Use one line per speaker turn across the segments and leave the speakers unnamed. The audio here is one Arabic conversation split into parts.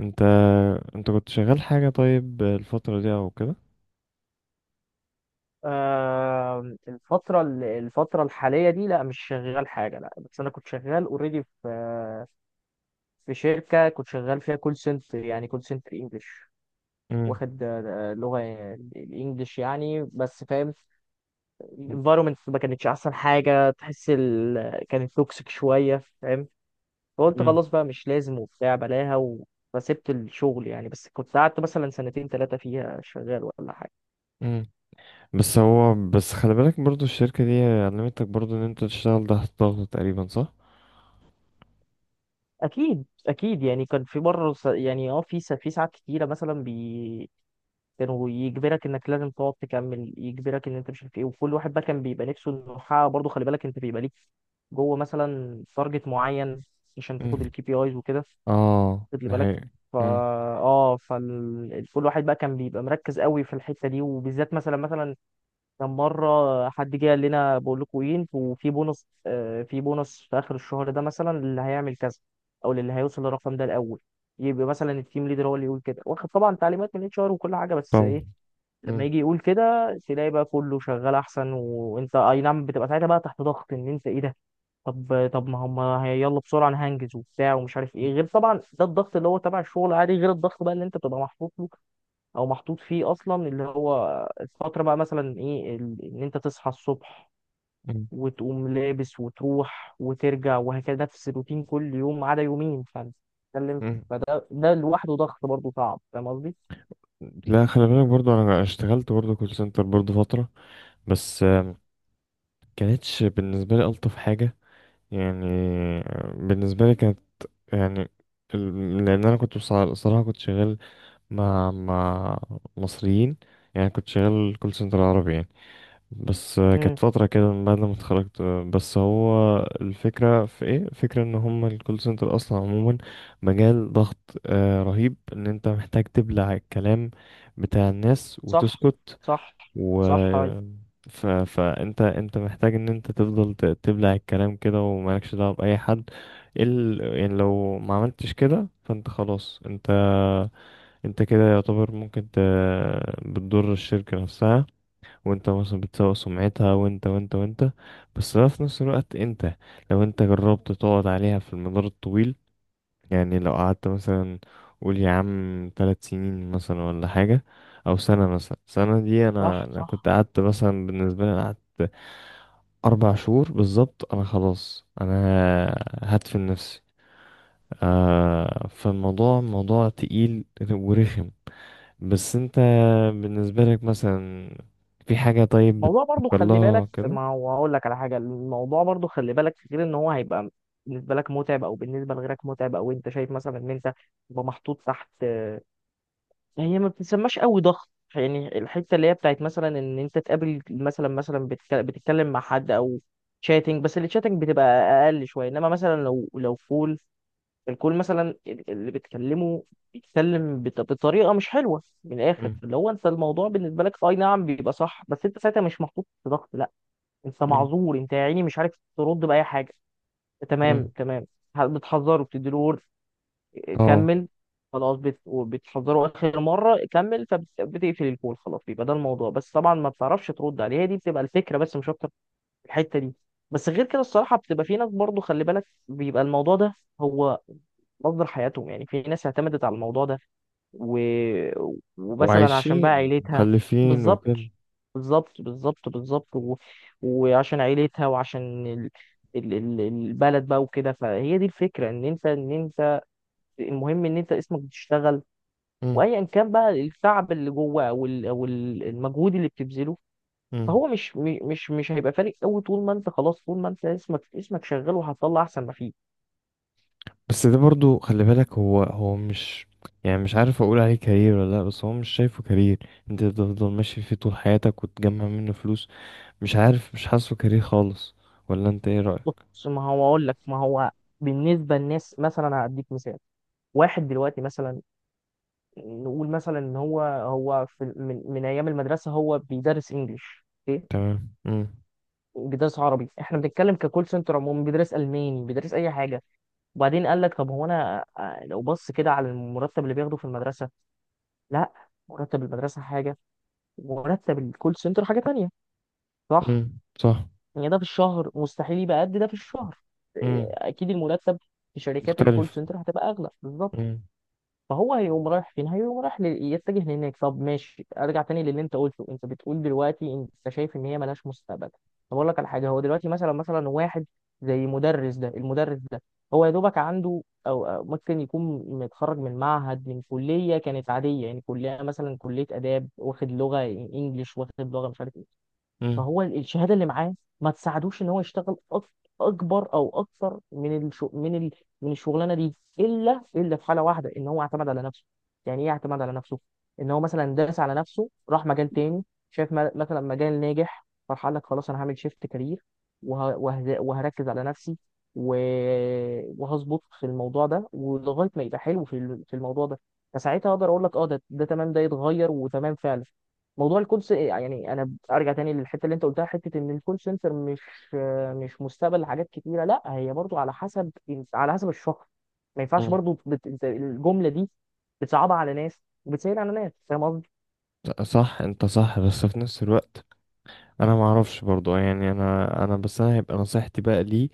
انت انت كنت شغال حاجة؟ طيب الفترة دي او كده.
آه، الفترة الحالية دي لا، مش شغال حاجة، لا. بس أنا كنت شغال اوريدي، في شركة كنت شغال فيها كول سنتر، يعني كول سنتر انجلش.
مم.
واخد لغة الانجليش يعني، بس فاهم الانفايرمنت ما كانتش أحسن حاجة. تحس كانت توكسيك شوية، فاهم. فقلت
مم.
خلاص بقى مش لازم وبتاع، بلاها فسبت الشغل يعني، بس كنت قعدت مثلا سنتين ثلاثة فيها شغال ولا حاجة.
مم. بس خلي بالك برضو، الشركة دي علمتك برضو ان انت تشتغل تحت ضغط تقريبا، صح؟
اكيد اكيد، يعني كان في مره يعني في في ساعات كتيره مثلا، كانوا يجبرك انك لازم تقعد تكمل، يجبرك ان انت مش عارف ايه. وكل واحد بقى كان بيبقى نفسه انه يحقق، برضه خلي بالك انت بيبقى ليك جوه مثلا تارجت معين عشان تاخد
مم.
الكي بي ايز وكده.
اه،
خد لي
ده
بالك.
حقيقي.
فا
مم.
اه فكل واحد بقى كان بيبقى مركز قوي في الحته دي، وبالذات مثلا، كان مرة حد جه قال لنا بقول لكم ايه، انتوا في بونص، في بونص في آخر الشهر ده مثلا اللي هيعمل كذا، أو اللي هيوصل للرقم ده الأول. يبقى مثلا التيم ليدر هو اللي يقول كده، واخد طبعا تعليمات من اتش ار وكل حاجة، بس
طبعا.
ايه، لما
مم.
يجي يقول كده تلاقي بقى كله شغال أحسن. وأنت أي نعم بتبقى ساعتها بقى تحت ضغط، إن أنت ايه ده، طب طب ما هم يلا بسرعة أنا هنجز وبتاع ومش عارف ايه. غير طبعا ده الضغط اللي هو تبع الشغل، عادي. غير الضغط بقى اللي أنت بتبقى محطوط له او محطوط فيه اصلا، اللي هو الفتره بقى مثلا ايه، ان انت تصحى الصبح
مم.
وتقوم لابس وتروح وترجع، وهكذا نفس الروتين كل يوم ما عدا يومين، فانت بتتكلم.
مم.
فده لوحده ضغط برضه صعب، فاهم قصدي؟
لا، خلي بالك برضو، انا اشتغلت برضو كول سنتر برضو فترة. بس كانتش بالنسبة لي الطف حاجة. يعني، بالنسبة لي كانت، يعني، لان انا كنت بصراحة كنت شغال مع مصريين. يعني كنت شغال كول سنتر عربي يعني. بس
امم
كانت فترة كده من بعد ما اتخرجت. بس هو الفكرة في ايه؟ الفكرة ان هم الكول سنتر اصلا عموما مجال ضغط رهيب. ان انت محتاج تبلع الكلام بتاع الناس
صح.
وتسكت.
صح،
و
صح، هاي.
فانت محتاج ان انت تفضل تبلع الكلام كده ومالكش دعوة بأي حد. ايه يعني لو ما عملتش كده، فانت خلاص، انت كده يعتبر ممكن بتضر الشركة نفسها، وانت مثلا بتسوق سمعتها وانت وانت وانت. بس ده في نفس الوقت، لو انت جربت تقعد عليها في المدار الطويل، يعني لو قعدت مثلا، قول يا عم 3 سنين مثلا ولا حاجة، أو سنة. مثلا سنة دي، أنا،
صح،
كنت
صح.
قعدت مثلا. بالنسبة لي أنا قعدت 4 شهور بالظبط. أنا خلاص أنا هدفن نفسي. آه، فالموضوع موضوع تقيل ورخم. بس أنت بالنسبة لك مثلا، في حاجة طيب
الموضوع برضه
بتفكر
خلي
لها
بالك،
كده؟
ما هو هقول لك على حاجه، الموضوع برضه خلي بالك غير ان هو هيبقى بالنسبه لك متعب او بالنسبه لغيرك متعب، او انت شايف مثلا ان انت تبقى محطوط تحت. يعني هي ما بتسماش قوي ضغط، يعني الحته اللي هي بتاعت مثلا ان انت تقابل مثلا، بتتكلم مع حد او شاتنج. بس الشاتنج بتبقى اقل شويه، انما مثلا لو الكول مثلا، اللي بتكلمه بيتكلم بطريقه مش حلوه، من الاخر،
مم.
اللي هو انت الموضوع بالنسبه لك اي نعم بيبقى صح، بس انت ساعتها مش محطوط في ضغط، لا. انت
مم.
معذور، انت يا عيني مش عارف ترد باي حاجه. تمام،
مم.
تمام. بتحذره، بتديله
اه،
كمل. خلاص وبتحذره اخر مره، كمل. فبتقفل الكول، خلاص. يبقى ده الموضوع، بس طبعا ما بتعرفش ترد عليه، هي دي بتبقى الفكره، بس مش اكتر في الحته دي. بس غير كده الصراحه بتبقى في ناس، برضو خلي بالك، بيبقى الموضوع ده هو مصدر حياتهم. يعني في ناس اعتمدت على الموضوع ده و... ومثلا عشان بقى
وعايشين
عيلتها.
مخلفين
بالظبط،
وكده.
بالظبط، بالظبط، بالظبط، وعشان عيلتها وعشان البلد بقى وكده، فهي دي الفكره ان انت ان انت المهم ان انت اسمك بتشتغل.
مم.
وايا كان بقى التعب اللي جوه او المجهود اللي بتبذله،
مم.
فهو مش هيبقى فارق قوي، طول ما انت خلاص، طول ما انت اسمك شغال، وهتطلع احسن ما فيه.
بس ده برضو خلي بالك، هو مش، يعني مش عارف اقول عليه كارير ولا لا. بس هو مش شايفه كارير. انت تفضل ماشي فيه طول حياتك وتجمع منه فلوس؟ مش عارف، مش حاسه كارير خالص. ولا انت ايه رأيك؟
بص، ما هو اقول لك، ما هو بالنسبه للناس مثلا هديك مثال، واحد دلوقتي مثلا، نقول مثلا ان هو في من ايام المدرسه هو بيدرس انجليش، اوكي،
تمام. امم.
بيدرس عربي، احنا بنتكلم ككول سنتر عموما، بيدرس الماني، بيدرس اي حاجه. وبعدين قال لك طب هو انا، لو بص كده على المرتب اللي بياخده في المدرسه، لا. مرتب المدرسه حاجه، ومرتب الكول سنتر حاجه تانية، صح.
امم. صح.
يعني ده في الشهر مستحيل يبقى قد ده في الشهر،
امم.
اكيد المرتب في شركات
مختلف.
الكول سنتر هتبقى اغلى، بالظبط.
امم.
فهو هيقوم رايح فين، هيقوم رايح يتجه لهناك. طب ماشي، ارجع تاني للي انت قلته، انت بتقول دلوقتي انت شايف ان هي ملهاش مستقبل. طب اقول لك على حاجه، هو دلوقتي مثلا، واحد زي مدرس ده، المدرس ده هو يا دوبك عنده، او ممكن يكون متخرج من معهد، من كليه كانت عاديه، يعني كليه مثلا كليه اداب واخد لغه انجليش، واخد لغه مش عارف.
امم.
فهو الشهاده اللي معاه ما تساعدوش ان هو يشتغل اكبر، او اكثر، من من الشغلانه دي، الا في حاله واحده، ان هو اعتمد على نفسه. يعني ايه اعتمد على نفسه، ان هو مثلا داس على نفسه، راح مجال تاني، شايف مثلا مجال ناجح، فراح قال لك خلاص انا هعمل شيفت كارير، وهركز على نفسي و... وهظبط في الموضوع ده، ولغايه ما يبقى حلو في في الموضوع ده. فساعتها اقدر اقول لك، ده تمام، ده يتغير وتمام فعلا. موضوع الكول يعني انا ارجع تاني للحته اللي انت قلتها، حته ان الكول سنتر مش مستقبل لحاجات كتيره، لا، هي برضو على حسب الشخص. ما ينفعش
امم.
برضو أنت الجمله دي بتصعبها على ناس، وبتسهل على ناس، فاهم قصدي.
صح، انت صح. بس في نفس الوقت، انا ما اعرفش برضو. يعني انا، بس انا هيبقى نصيحتي بقى ليه،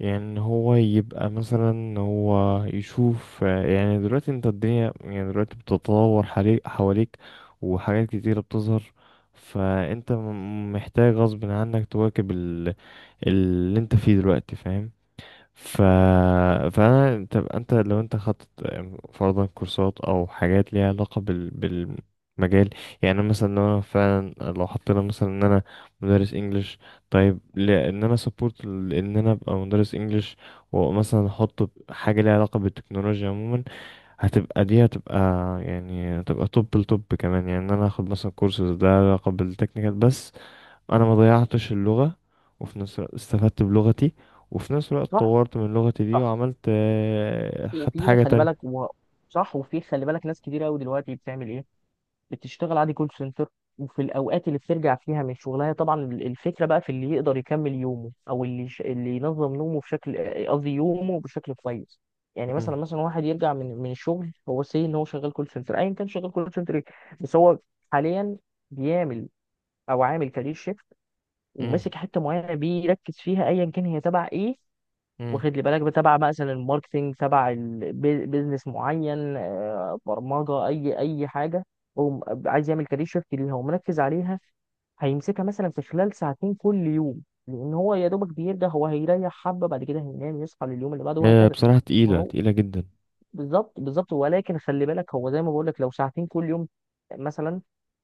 يعني إن هو يبقى مثلا، إن هو يشوف، يعني دلوقتي انت الدنيا، يعني دلوقتي بتتطور حواليك، وحاجات كتيرة بتظهر. فانت محتاج غصب عنك تواكب اللي انت فيه دلوقتي، فاهم؟ ف فانا تبقى انت، لو انت خدت يعني فرضا كورسات او حاجات ليها علاقه بالمجال. يعني أنا مثلا، لو انا فعلا، لو حطينا مثلا ان انا مدرس انجليش، طيب لان انا سبورت ان انا ابقى مدرس انجليش، ومثلا احط حاجه ليها علاقه بالتكنولوجيا عموما، هتبقى دي، هتبقى يعني، هتبقى توب التوب كمان. يعني ان انا اخد مثلا كورس ده علاقه بالتكنيكال، بس انا ما ضيعتش اللغة، وفي نفس الوقت استفدت بلغتي، وفي نفس الوقت
صح،
طورت من لغتي دي
صح.
وعملت، خدت
وفي ناس
حاجة
خلي
تانية.
بالك صح. وفي خلي بالك ناس كتير قوي دلوقتي بتعمل ايه، بتشتغل عادي كول سنتر، وفي الاوقات اللي بترجع فيها من شغلها طبعا، الفكره بقى في اللي يقدر يكمل يومه، او اللي اللي ينظم نومه بشكل، قصدي يومه بشكل كويس. يعني مثلا،
مم.
واحد يرجع من الشغل، هو سي ان هو شغال كول سنتر، ايا كان شغال كول سنتر ايه، بس هو حاليا بيعمل او عامل كارير شيفت،
مم.
وماسك حته معينه بيركز فيها، ايا كان هي تبع ايه،
مم.
واخد لي بالك، تبع مثلا الماركتينج، تبع بيزنس معين، برمجه، اي حاجه. هو عايز يعمل كارير شيفت ليها ومركز عليها، هيمسكها مثلا في خلال ساعتين كل يوم، لان هو يا دوبك بيرجع هو هيريح حبه، بعد كده هينام يصحى لليوم اللي بعده،
هي
وهكذا.
بصراحة تقيلة تقيلة جدا.
بالظبط، بالظبط. ولكن خلي بالك هو زي ما بقول لك، لو ساعتين كل يوم مثلا،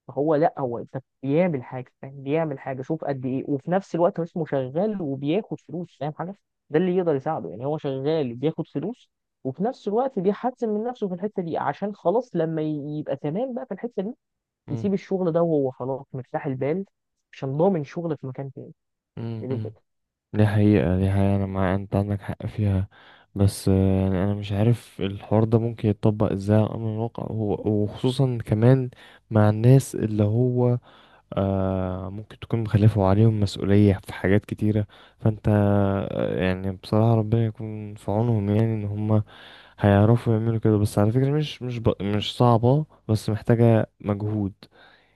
هو لا، هو انت بيعمل حاجه، فاهم، بيعمل حاجه، شوف قد ايه، وفي نفس الوقت هو اسمه شغال وبياخد فلوس، فاهم حاجه. ده اللي يقدر يساعده، يعني هو شغال بياخد فلوس، وفي نفس الوقت بيحسن من نفسه في الحته دي، عشان خلاص لما يبقى تمام بقى في الحته دي
مم.
يسيب الشغل ده وهو خلاص مرتاح البال، عشان ضامن شغل في مكان تاني.
مم. مم. دي حقيقة، دي حقيقة. أنا مع أنت، عندك حق فيها. بس يعني أنا مش عارف الحوار ده ممكن يتطبق إزاي على أمر الواقع، وخصوصا كمان مع الناس اللي هو، ممكن تكون مخلفة عليهم مسؤولية في حاجات كتيرة. فانت، يعني بصراحة ربنا يكون في عونهم. يعني ان هم هيعرفوا يعملوا كده؟ بس على فكرة، مش مش صعبة، بس محتاجة مجهود.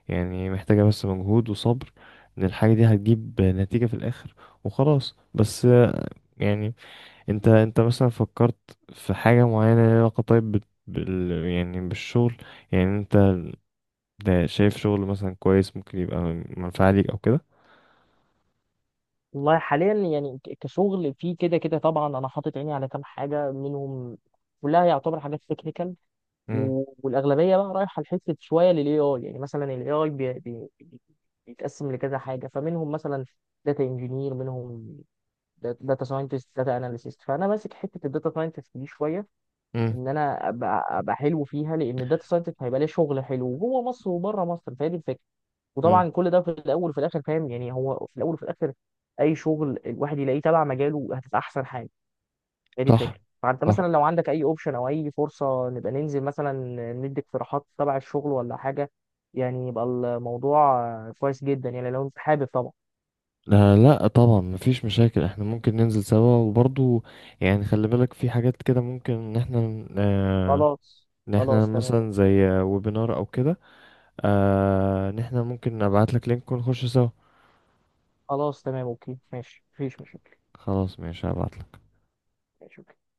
يعني محتاجة بس مجهود وصبر، ان الحاجة دي هتجيب نتيجة في الاخر، وخلاص. بس يعني، انت مثلا فكرت في حاجة معينة ليها علاقة طيب يعني بالشغل؟ يعني انت ده شايف شغل مثلا كويس ممكن يبقى منفعة ليك او كده؟
والله حاليا يعني كشغل في كده كده طبعا، انا حاطط عيني على كام حاجه منهم، كلها يعتبر حاجات تكنيكال،
مم.
والاغلبيه بقى رايحه لحته شويه للاي اي، يعني مثلا الاي اي بي، بيتقسم لكذا حاجه، فمنهم مثلا داتا انجينير، منهم داتا ساينتست، داتا اناليسيست، فانا ماسك حته الداتا ساينتست دي شويه،
مم.
ان انا أبقى حلو فيها، لان الداتا ساينتست هيبقى ليه شغل حلو جوه مصر وبره مصر، فهي دي الفكره.
مم.
وطبعا كل ده في الاول وفي الاخر، فاهم، يعني هو في الاول وفي الاخر اي شغل الواحد يلاقيه تبع مجاله هتبقى احسن حاجه، هي دي
صح.
الفكره. فانت مثلا
صح.
لو عندك اي اوبشن او اي فرصه، نبقى ننزل مثلا ندي اقتراحات تبع الشغل ولا حاجه، يعني يبقى الموضوع كويس جدا، يعني لو انت حابب طبعا.
لا لا، طبعا مفيش مشاكل. احنا ممكن ننزل سوا، وبرضو يعني خلي بالك في حاجات كده، ممكن ان احنا، آه
خلاص.
ان احنا
خلاص، تمام.
مثلا زي ويبينار او كده. آه، ان احنا ممكن ابعت لك لينك ونخش سوا.
خلاص، تمام، اوكي، ماشي، مفيش مشاكل.
خلاص ماشي، هبعت.
ماشي.